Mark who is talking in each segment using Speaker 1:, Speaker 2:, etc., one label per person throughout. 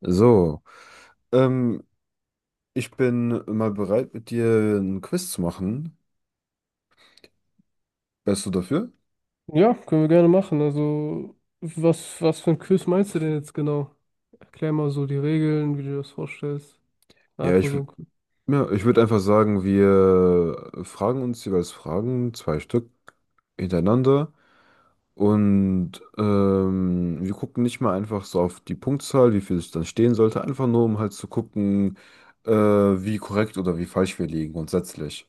Speaker 1: So, ähm, ich bin mal bereit, mit dir ein Quiz zu machen. Wärst du dafür?
Speaker 2: Ja, können wir gerne machen. Also, was für ein Quiz meinst du denn jetzt genau? Erklär mal so die Regeln, wie du dir das vorstellst.
Speaker 1: Ja,
Speaker 2: Einfach
Speaker 1: ich,
Speaker 2: so
Speaker 1: w-
Speaker 2: ein Quiz.
Speaker 1: ja, ich würde einfach sagen, wir fragen uns jeweils Fragen, zwei Stück hintereinander. Und wir gucken nicht mal einfach so auf die Punktzahl, wie viel es dann stehen sollte, einfach nur, um halt zu gucken, wie korrekt oder wie falsch wir liegen grundsätzlich.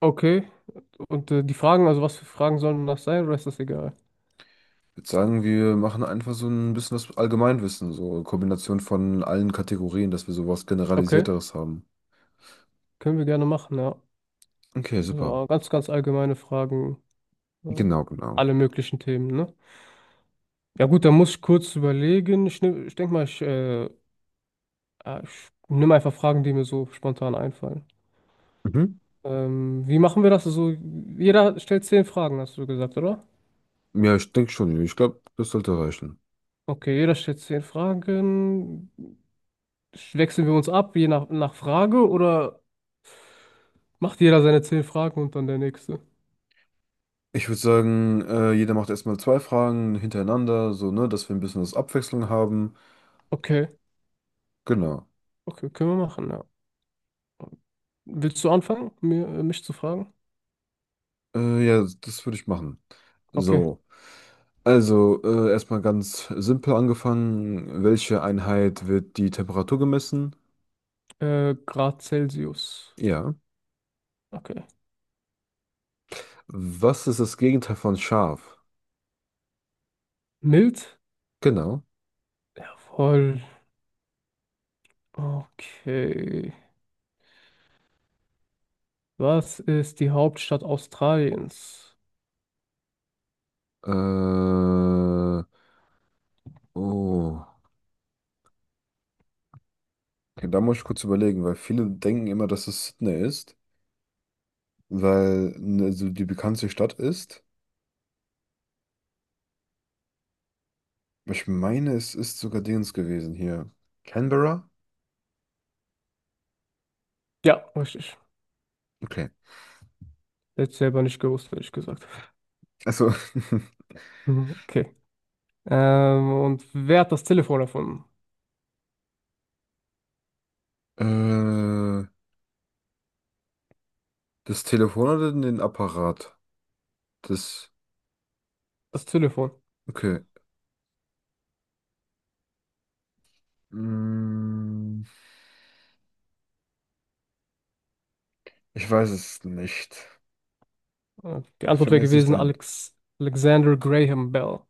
Speaker 2: Okay. Und die Fragen, also was für Fragen sollen das sein, oder ist das egal?
Speaker 1: Ich würde sagen, wir machen einfach so ein bisschen das Allgemeinwissen, so Kombination von allen Kategorien, dass wir sowas
Speaker 2: Okay,
Speaker 1: Generalisierteres haben.
Speaker 2: können wir gerne machen, ja.
Speaker 1: Okay, super.
Speaker 2: So ganz allgemeine Fragen. Ja.
Speaker 1: Genau, genau.
Speaker 2: Alle möglichen Themen, ne? Ja gut, dann muss ich kurz überlegen. Ich denke mal, ich nehme einfach Fragen, die mir so spontan einfallen.
Speaker 1: Mhm.
Speaker 2: Wie machen wir das? Also, jeder stellt zehn Fragen, hast du gesagt, oder?
Speaker 1: Ja, ich denke schon. Ich glaube, das sollte reichen.
Speaker 2: Okay, jeder stellt zehn Fragen. Wechseln wir uns ab, je nach Frage, oder macht jeder seine zehn Fragen und dann der nächste?
Speaker 1: Ich würde sagen, jeder macht erstmal zwei Fragen hintereinander, so, ne, dass wir ein bisschen was Abwechslung haben.
Speaker 2: Okay,
Speaker 1: Genau.
Speaker 2: okay, können wir machen, ja. Willst du anfangen, mich zu fragen?
Speaker 1: Ja, das würde ich machen.
Speaker 2: Okay,
Speaker 1: So. Also, erstmal ganz simpel angefangen. Welche Einheit wird die Temperatur gemessen?
Speaker 2: Grad Celsius.
Speaker 1: Ja.
Speaker 2: Okay.
Speaker 1: Was ist das Gegenteil von scharf?
Speaker 2: Mild?
Speaker 1: Genau.
Speaker 2: Jawohl. Okay. Was ist die Hauptstadt Australiens?
Speaker 1: Äh, oh. Okay, da muss ich kurz überlegen, weil viele denken immer, dass es Sydney ist, weil ne, so die bekannteste Stadt ist. Aber ich meine, es ist sogar Dings gewesen hier. Canberra?
Speaker 2: Ja, richtig.
Speaker 1: Okay.
Speaker 2: Hätte ich selber nicht gewusst, hätte ich gesagt.
Speaker 1: Also,
Speaker 2: Mhm, okay. Und wer hat das Telefon erfunden?
Speaker 1: äh, das Telefon oder den Apparat? Das,
Speaker 2: Das Telefon.
Speaker 1: okay. Mm, ich weiß es nicht.
Speaker 2: Die Antwort
Speaker 1: Fällt mir
Speaker 2: wäre
Speaker 1: jetzt nicht
Speaker 2: gewesen
Speaker 1: an.
Speaker 2: Alex Alexander Graham Bell.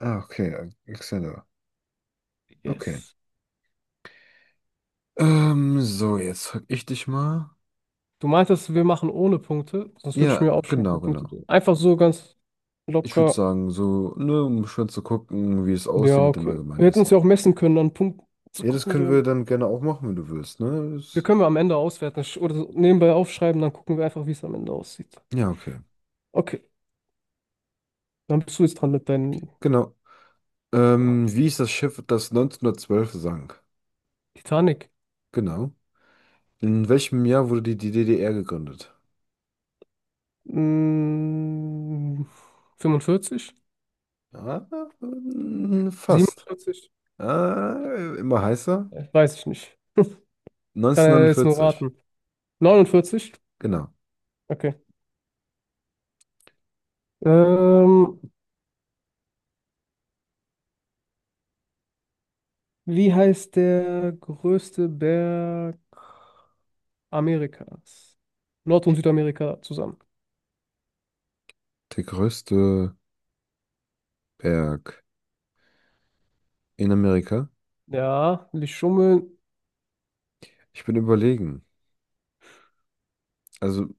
Speaker 1: Ah, okay. Alexander. Okay.
Speaker 2: Yes.
Speaker 1: So, jetzt frag ich dich mal.
Speaker 2: Du meintest, wir machen ohne Punkte, sonst würde ich
Speaker 1: Ja,
Speaker 2: mir aufschreiben, wie
Speaker 1: genau,
Speaker 2: viele Punkte.
Speaker 1: genau.
Speaker 2: Einfach so ganz
Speaker 1: Ich würde
Speaker 2: locker.
Speaker 1: sagen, so, ne, um schon zu gucken, wie es aussieht
Speaker 2: Ja,
Speaker 1: mit dem
Speaker 2: okay. Wir hätten uns
Speaker 1: Allgemeinwissen.
Speaker 2: ja auch messen können, an Punkten zu
Speaker 1: Ja, das
Speaker 2: gucken,
Speaker 1: können
Speaker 2: wir,
Speaker 1: wir dann gerne auch machen, wenn du willst, ne?
Speaker 2: wir können wir am Ende auswerten oder so nebenbei aufschreiben, dann gucken wir einfach, wie es am Ende aussieht.
Speaker 1: Ja, okay.
Speaker 2: Okay, dann bist du jetzt dran mit deinen
Speaker 1: Genau.
Speaker 2: Fragen.
Speaker 1: Wie ist das Schiff, das 1912 sank?
Speaker 2: Titanic.
Speaker 1: Genau. In welchem Jahr wurde die DDR gegründet?
Speaker 2: Mm, 45?
Speaker 1: Ah, fast.
Speaker 2: 47?
Speaker 1: Ah, immer heißer.
Speaker 2: Weiß ich nicht. Kann ja jetzt nur
Speaker 1: 1949.
Speaker 2: raten. 49?
Speaker 1: Genau.
Speaker 2: Okay. Ähm, Wie heißt der größte Berg Amerikas? Nord- und Südamerika zusammen.
Speaker 1: Der größte Berg in Amerika.
Speaker 2: Ja, nicht schummeln.
Speaker 1: Ich bin überlegen. Also,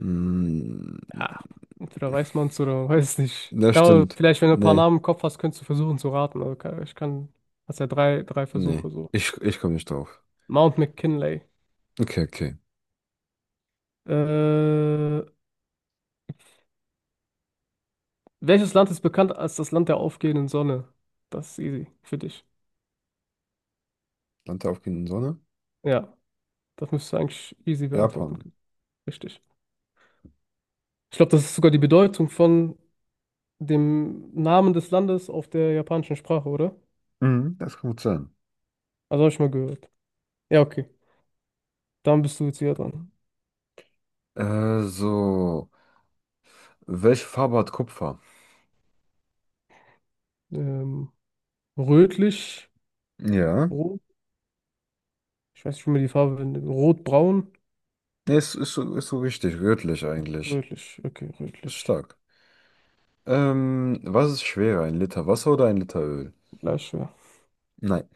Speaker 1: mh,
Speaker 2: Ja, entweder weiß man es oder man weiß es nicht.
Speaker 1: Das
Speaker 2: Kann man,
Speaker 1: stimmt.
Speaker 2: vielleicht, wenn du ein paar
Speaker 1: Nee,
Speaker 2: Namen im Kopf hast, könntest du versuchen zu raten. Also, ich kann, hast ja drei
Speaker 1: nee.
Speaker 2: Versuche so.
Speaker 1: Ich komme nicht drauf.
Speaker 2: Mount McKinley.
Speaker 1: Okay, okay.
Speaker 2: Äh, welches Land ist bekannt als das Land der aufgehenden Sonne? Das ist easy für dich.
Speaker 1: Land der aufgehenden Sonne?
Speaker 2: Ja, das müsstest du eigentlich easy beantworten
Speaker 1: Japan.
Speaker 2: können. Richtig. Ich glaube, das ist sogar die Bedeutung von dem Namen des Landes auf der japanischen Sprache, oder?
Speaker 1: Mhm, das kann gut sein.
Speaker 2: Also habe ich mal gehört. Ja, okay. Dann bist du jetzt wieder dran.
Speaker 1: So. Welche Farbe hat Kupfer?
Speaker 2: Ähm, Rötlich,
Speaker 1: Ja.
Speaker 2: rot. Ich weiß nicht, wie man die Farbe nennt. Rotbraun,
Speaker 1: Nee, ist so richtig. Rötlich eigentlich.
Speaker 2: rötlich. Okay,
Speaker 1: Ist
Speaker 2: rötlich.
Speaker 1: stark. Was ist schwerer? Ein Liter Wasser oder ein Liter Öl?
Speaker 2: Gleich schwer.
Speaker 1: Nein.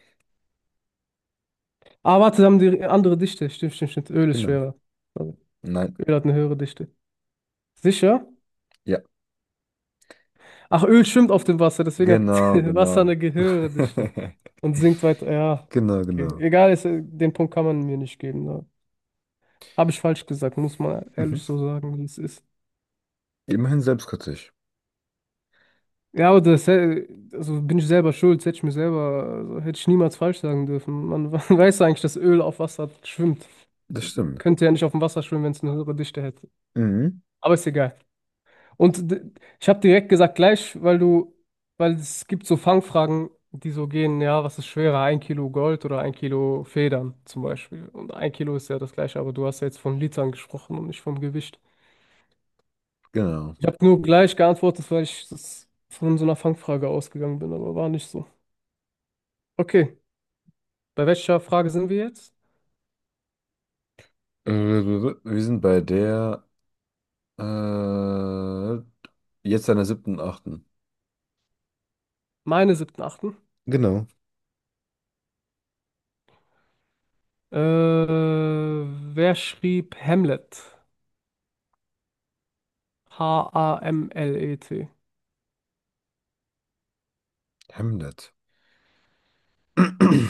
Speaker 2: Ah, warte, da haben die andere Dichte. Stimmt. Öl ist
Speaker 1: Genau.
Speaker 2: schwerer. Also,
Speaker 1: Nein.
Speaker 2: Öl hat eine höhere Dichte. Sicher?
Speaker 1: Ja.
Speaker 2: Ach, Öl schwimmt auf dem Wasser, deswegen hat
Speaker 1: Genau,
Speaker 2: Wasser
Speaker 1: genau.
Speaker 2: eine höhere Dichte und sinkt weiter. Ja,
Speaker 1: Genau,
Speaker 2: okay.
Speaker 1: genau.
Speaker 2: Egal, den Punkt kann man mir nicht geben. Ne? Habe ich falsch gesagt, muss man
Speaker 1: Mhm.
Speaker 2: ehrlich so sagen, wie es ist.
Speaker 1: Immerhin selbstkritisch.
Speaker 2: Ja, also bin ich selber schuld, hätte ich mir selber, also hätte ich niemals falsch sagen dürfen. Man weiß eigentlich, dass Öl auf Wasser schwimmt.
Speaker 1: Das stimmt.
Speaker 2: Könnte ja nicht auf dem Wasser schwimmen, wenn es eine höhere Dichte hätte.
Speaker 1: Mhm.
Speaker 2: Aber ist egal. Und d- Ich habe direkt gesagt gleich, weil es gibt so Fangfragen, die so gehen, ja, was ist schwerer, ein Kilo Gold oder ein Kilo Federn zum Beispiel. Und ein Kilo ist ja das gleiche, aber du hast ja jetzt von Litern gesprochen und nicht vom Gewicht.
Speaker 1: Genau.
Speaker 2: Ich habe nur gleich geantwortet, weil ich das von so einer Fangfrage ausgegangen bin, aber war nicht so. Okay, bei welcher Frage sind wir jetzt?
Speaker 1: Äh, Wir sind bei der Äh, jetzt an der siebten, achten.
Speaker 2: Meine siebten, achten.
Speaker 1: Genau.
Speaker 2: Äh, wer schrieb Hamlet? H-A-M-L-E-T.
Speaker 1: Hamlet. War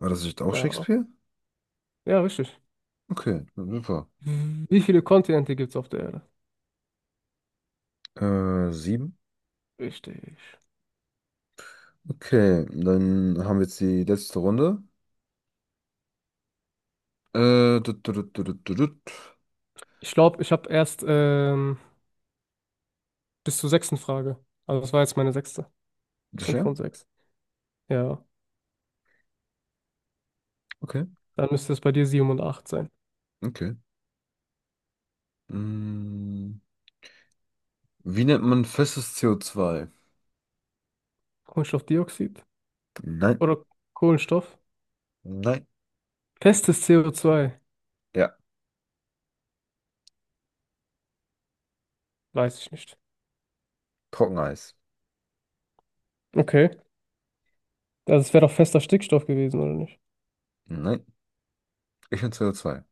Speaker 1: das nicht auch
Speaker 2: Ja,
Speaker 1: Shakespeare?
Speaker 2: ja, richtig.
Speaker 1: Okay, super.
Speaker 2: Wie viele Kontinente gibt es auf der Erde?
Speaker 1: Sieben.
Speaker 2: Richtig.
Speaker 1: Okay, dann haben wir jetzt die letzte Runde. Tut, tut, tut, tut, tut, tut.
Speaker 2: Ich glaube, ich habe erst bis zur sechsten Frage. Also das war jetzt meine sechste. Fünf
Speaker 1: Sicher?
Speaker 2: von sechs. Ja,
Speaker 1: Okay,
Speaker 2: dann müsste es bei dir sieben und acht sein.
Speaker 1: okay. Mm, wie nennt man festes CO2?
Speaker 2: Kohlenstoffdioxid
Speaker 1: Nein,
Speaker 2: oder Kohlenstoff?
Speaker 1: nein.
Speaker 2: Festes CO2.
Speaker 1: Ja,
Speaker 2: Weiß ich nicht.
Speaker 1: Trockeneis.
Speaker 2: Okay. Also es wäre doch fester Stickstoff gewesen, oder nicht?
Speaker 1: Nein, ich bin CO2.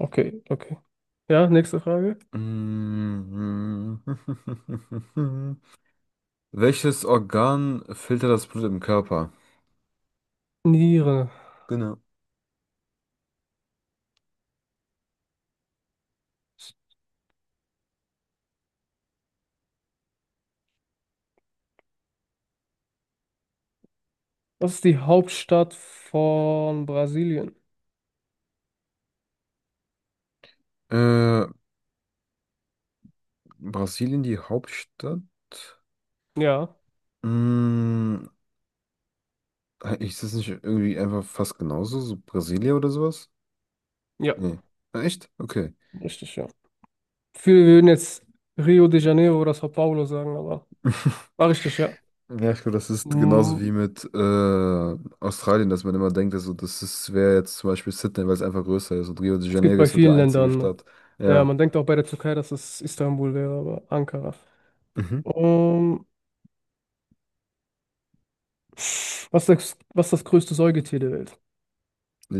Speaker 2: Okay. Ja, nächste Frage.
Speaker 1: Mm. Welches Organ filtert das Blut im Körper?
Speaker 2: Niere.
Speaker 1: Genau.
Speaker 2: Was ist die Hauptstadt von Brasilien?
Speaker 1: Äh, Brasilien, die Hauptstadt?
Speaker 2: Ja,
Speaker 1: Hm, ist das nicht irgendwie einfach fast genauso? So Brasilia oder sowas?
Speaker 2: ja,
Speaker 1: Nee. Ah, echt? Okay.
Speaker 2: richtig, ja. Viele würden jetzt Rio de Janeiro oder São Paulo sagen, aber war richtig, ja.
Speaker 1: Ja, ich glaube, das ist genauso
Speaker 2: Hm,
Speaker 1: wie mit Australien, dass man immer denkt, also das ist, wäre jetzt zum Beispiel Sydney, weil es einfach größer ist. Und Rio de
Speaker 2: es gibt
Speaker 1: Janeiro
Speaker 2: bei
Speaker 1: ist so der
Speaker 2: vielen
Speaker 1: einzige
Speaker 2: Ländern.
Speaker 1: Stadt.
Speaker 2: Ja,
Speaker 1: Ja.
Speaker 2: man denkt auch bei der Türkei, dass es Istanbul wäre, aber Ankara.
Speaker 1: Mhm.
Speaker 2: Um, was ist das größte Säugetier der Welt?
Speaker 1: Äh,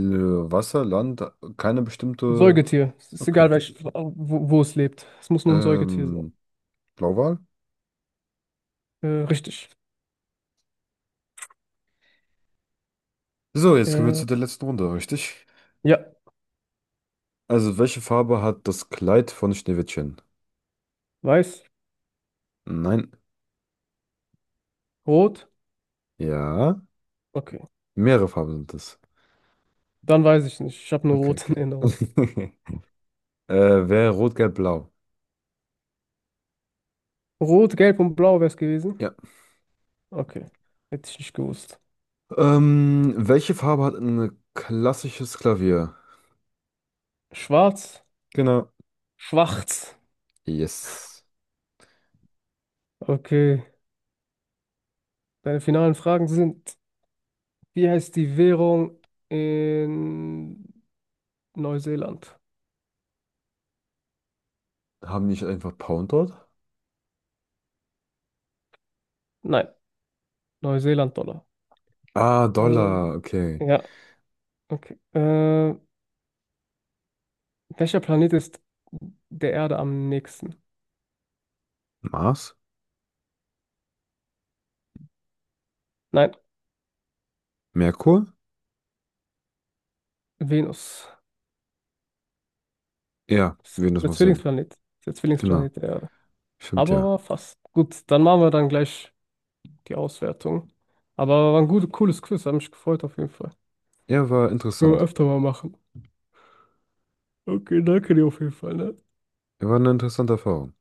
Speaker 1: Wasser, Land, keine
Speaker 2: Ein
Speaker 1: bestimmte.
Speaker 2: Säugetier. Es ist
Speaker 1: Okay.
Speaker 2: egal, wo es lebt. Es muss nur ein Säugetier sein.
Speaker 1: Ähm, Blauwal?
Speaker 2: Richtig.
Speaker 1: So, jetzt kommen wir
Speaker 2: Äh,
Speaker 1: zu der letzten Runde, richtig?
Speaker 2: ja,
Speaker 1: Also, welche Farbe hat das Kleid von Schneewittchen?
Speaker 2: weiß,
Speaker 1: Nein.
Speaker 2: rot.
Speaker 1: Ja.
Speaker 2: Okay.
Speaker 1: Mehrere Farben sind es.
Speaker 2: Dann weiß ich nicht. Ich habe nur
Speaker 1: Okay,
Speaker 2: rot in
Speaker 1: okay.
Speaker 2: Erinnerung.
Speaker 1: äh, wäre rot, gelb, blau.
Speaker 2: Rot, gelb und blau wäre es gewesen.
Speaker 1: Ja.
Speaker 2: Okay. Hätte ich nicht gewusst.
Speaker 1: Welche Farbe hat ein klassisches Klavier?
Speaker 2: Schwarz,
Speaker 1: Genau.
Speaker 2: schwarz.
Speaker 1: Yes.
Speaker 2: Okay. Deine finalen Fragen sind, wie heißt die Währung in Neuseeland?
Speaker 1: Haben die nicht einfach Pound dort?
Speaker 2: Nein, Neuseeland-Dollar.
Speaker 1: Ah, Dollar.
Speaker 2: Ähm,
Speaker 1: Okay.
Speaker 2: ja, okay. Äh, Welcher Planet ist der Erde am nächsten?
Speaker 1: Mars?
Speaker 2: Nein,
Speaker 1: Merkur?
Speaker 2: Venus.
Speaker 1: Ja,
Speaker 2: Ist
Speaker 1: Venus
Speaker 2: der
Speaker 1: macht Sinn.
Speaker 2: Zwillingsplanet. Ist der
Speaker 1: Genau.
Speaker 2: Zwillingsplanet der Erde.
Speaker 1: Stimmt
Speaker 2: Aber
Speaker 1: ja.
Speaker 2: war fast. Gut, dann machen wir dann gleich die Auswertung. Aber war ein gutes, cooles Quiz, hat mich gefreut auf jeden Fall.
Speaker 1: Ja, war
Speaker 2: Können wir
Speaker 1: interessant.
Speaker 2: öfter mal machen. Okay, danke dir auf jeden Fall, ne?
Speaker 1: Ja, war eine interessante Erfahrung.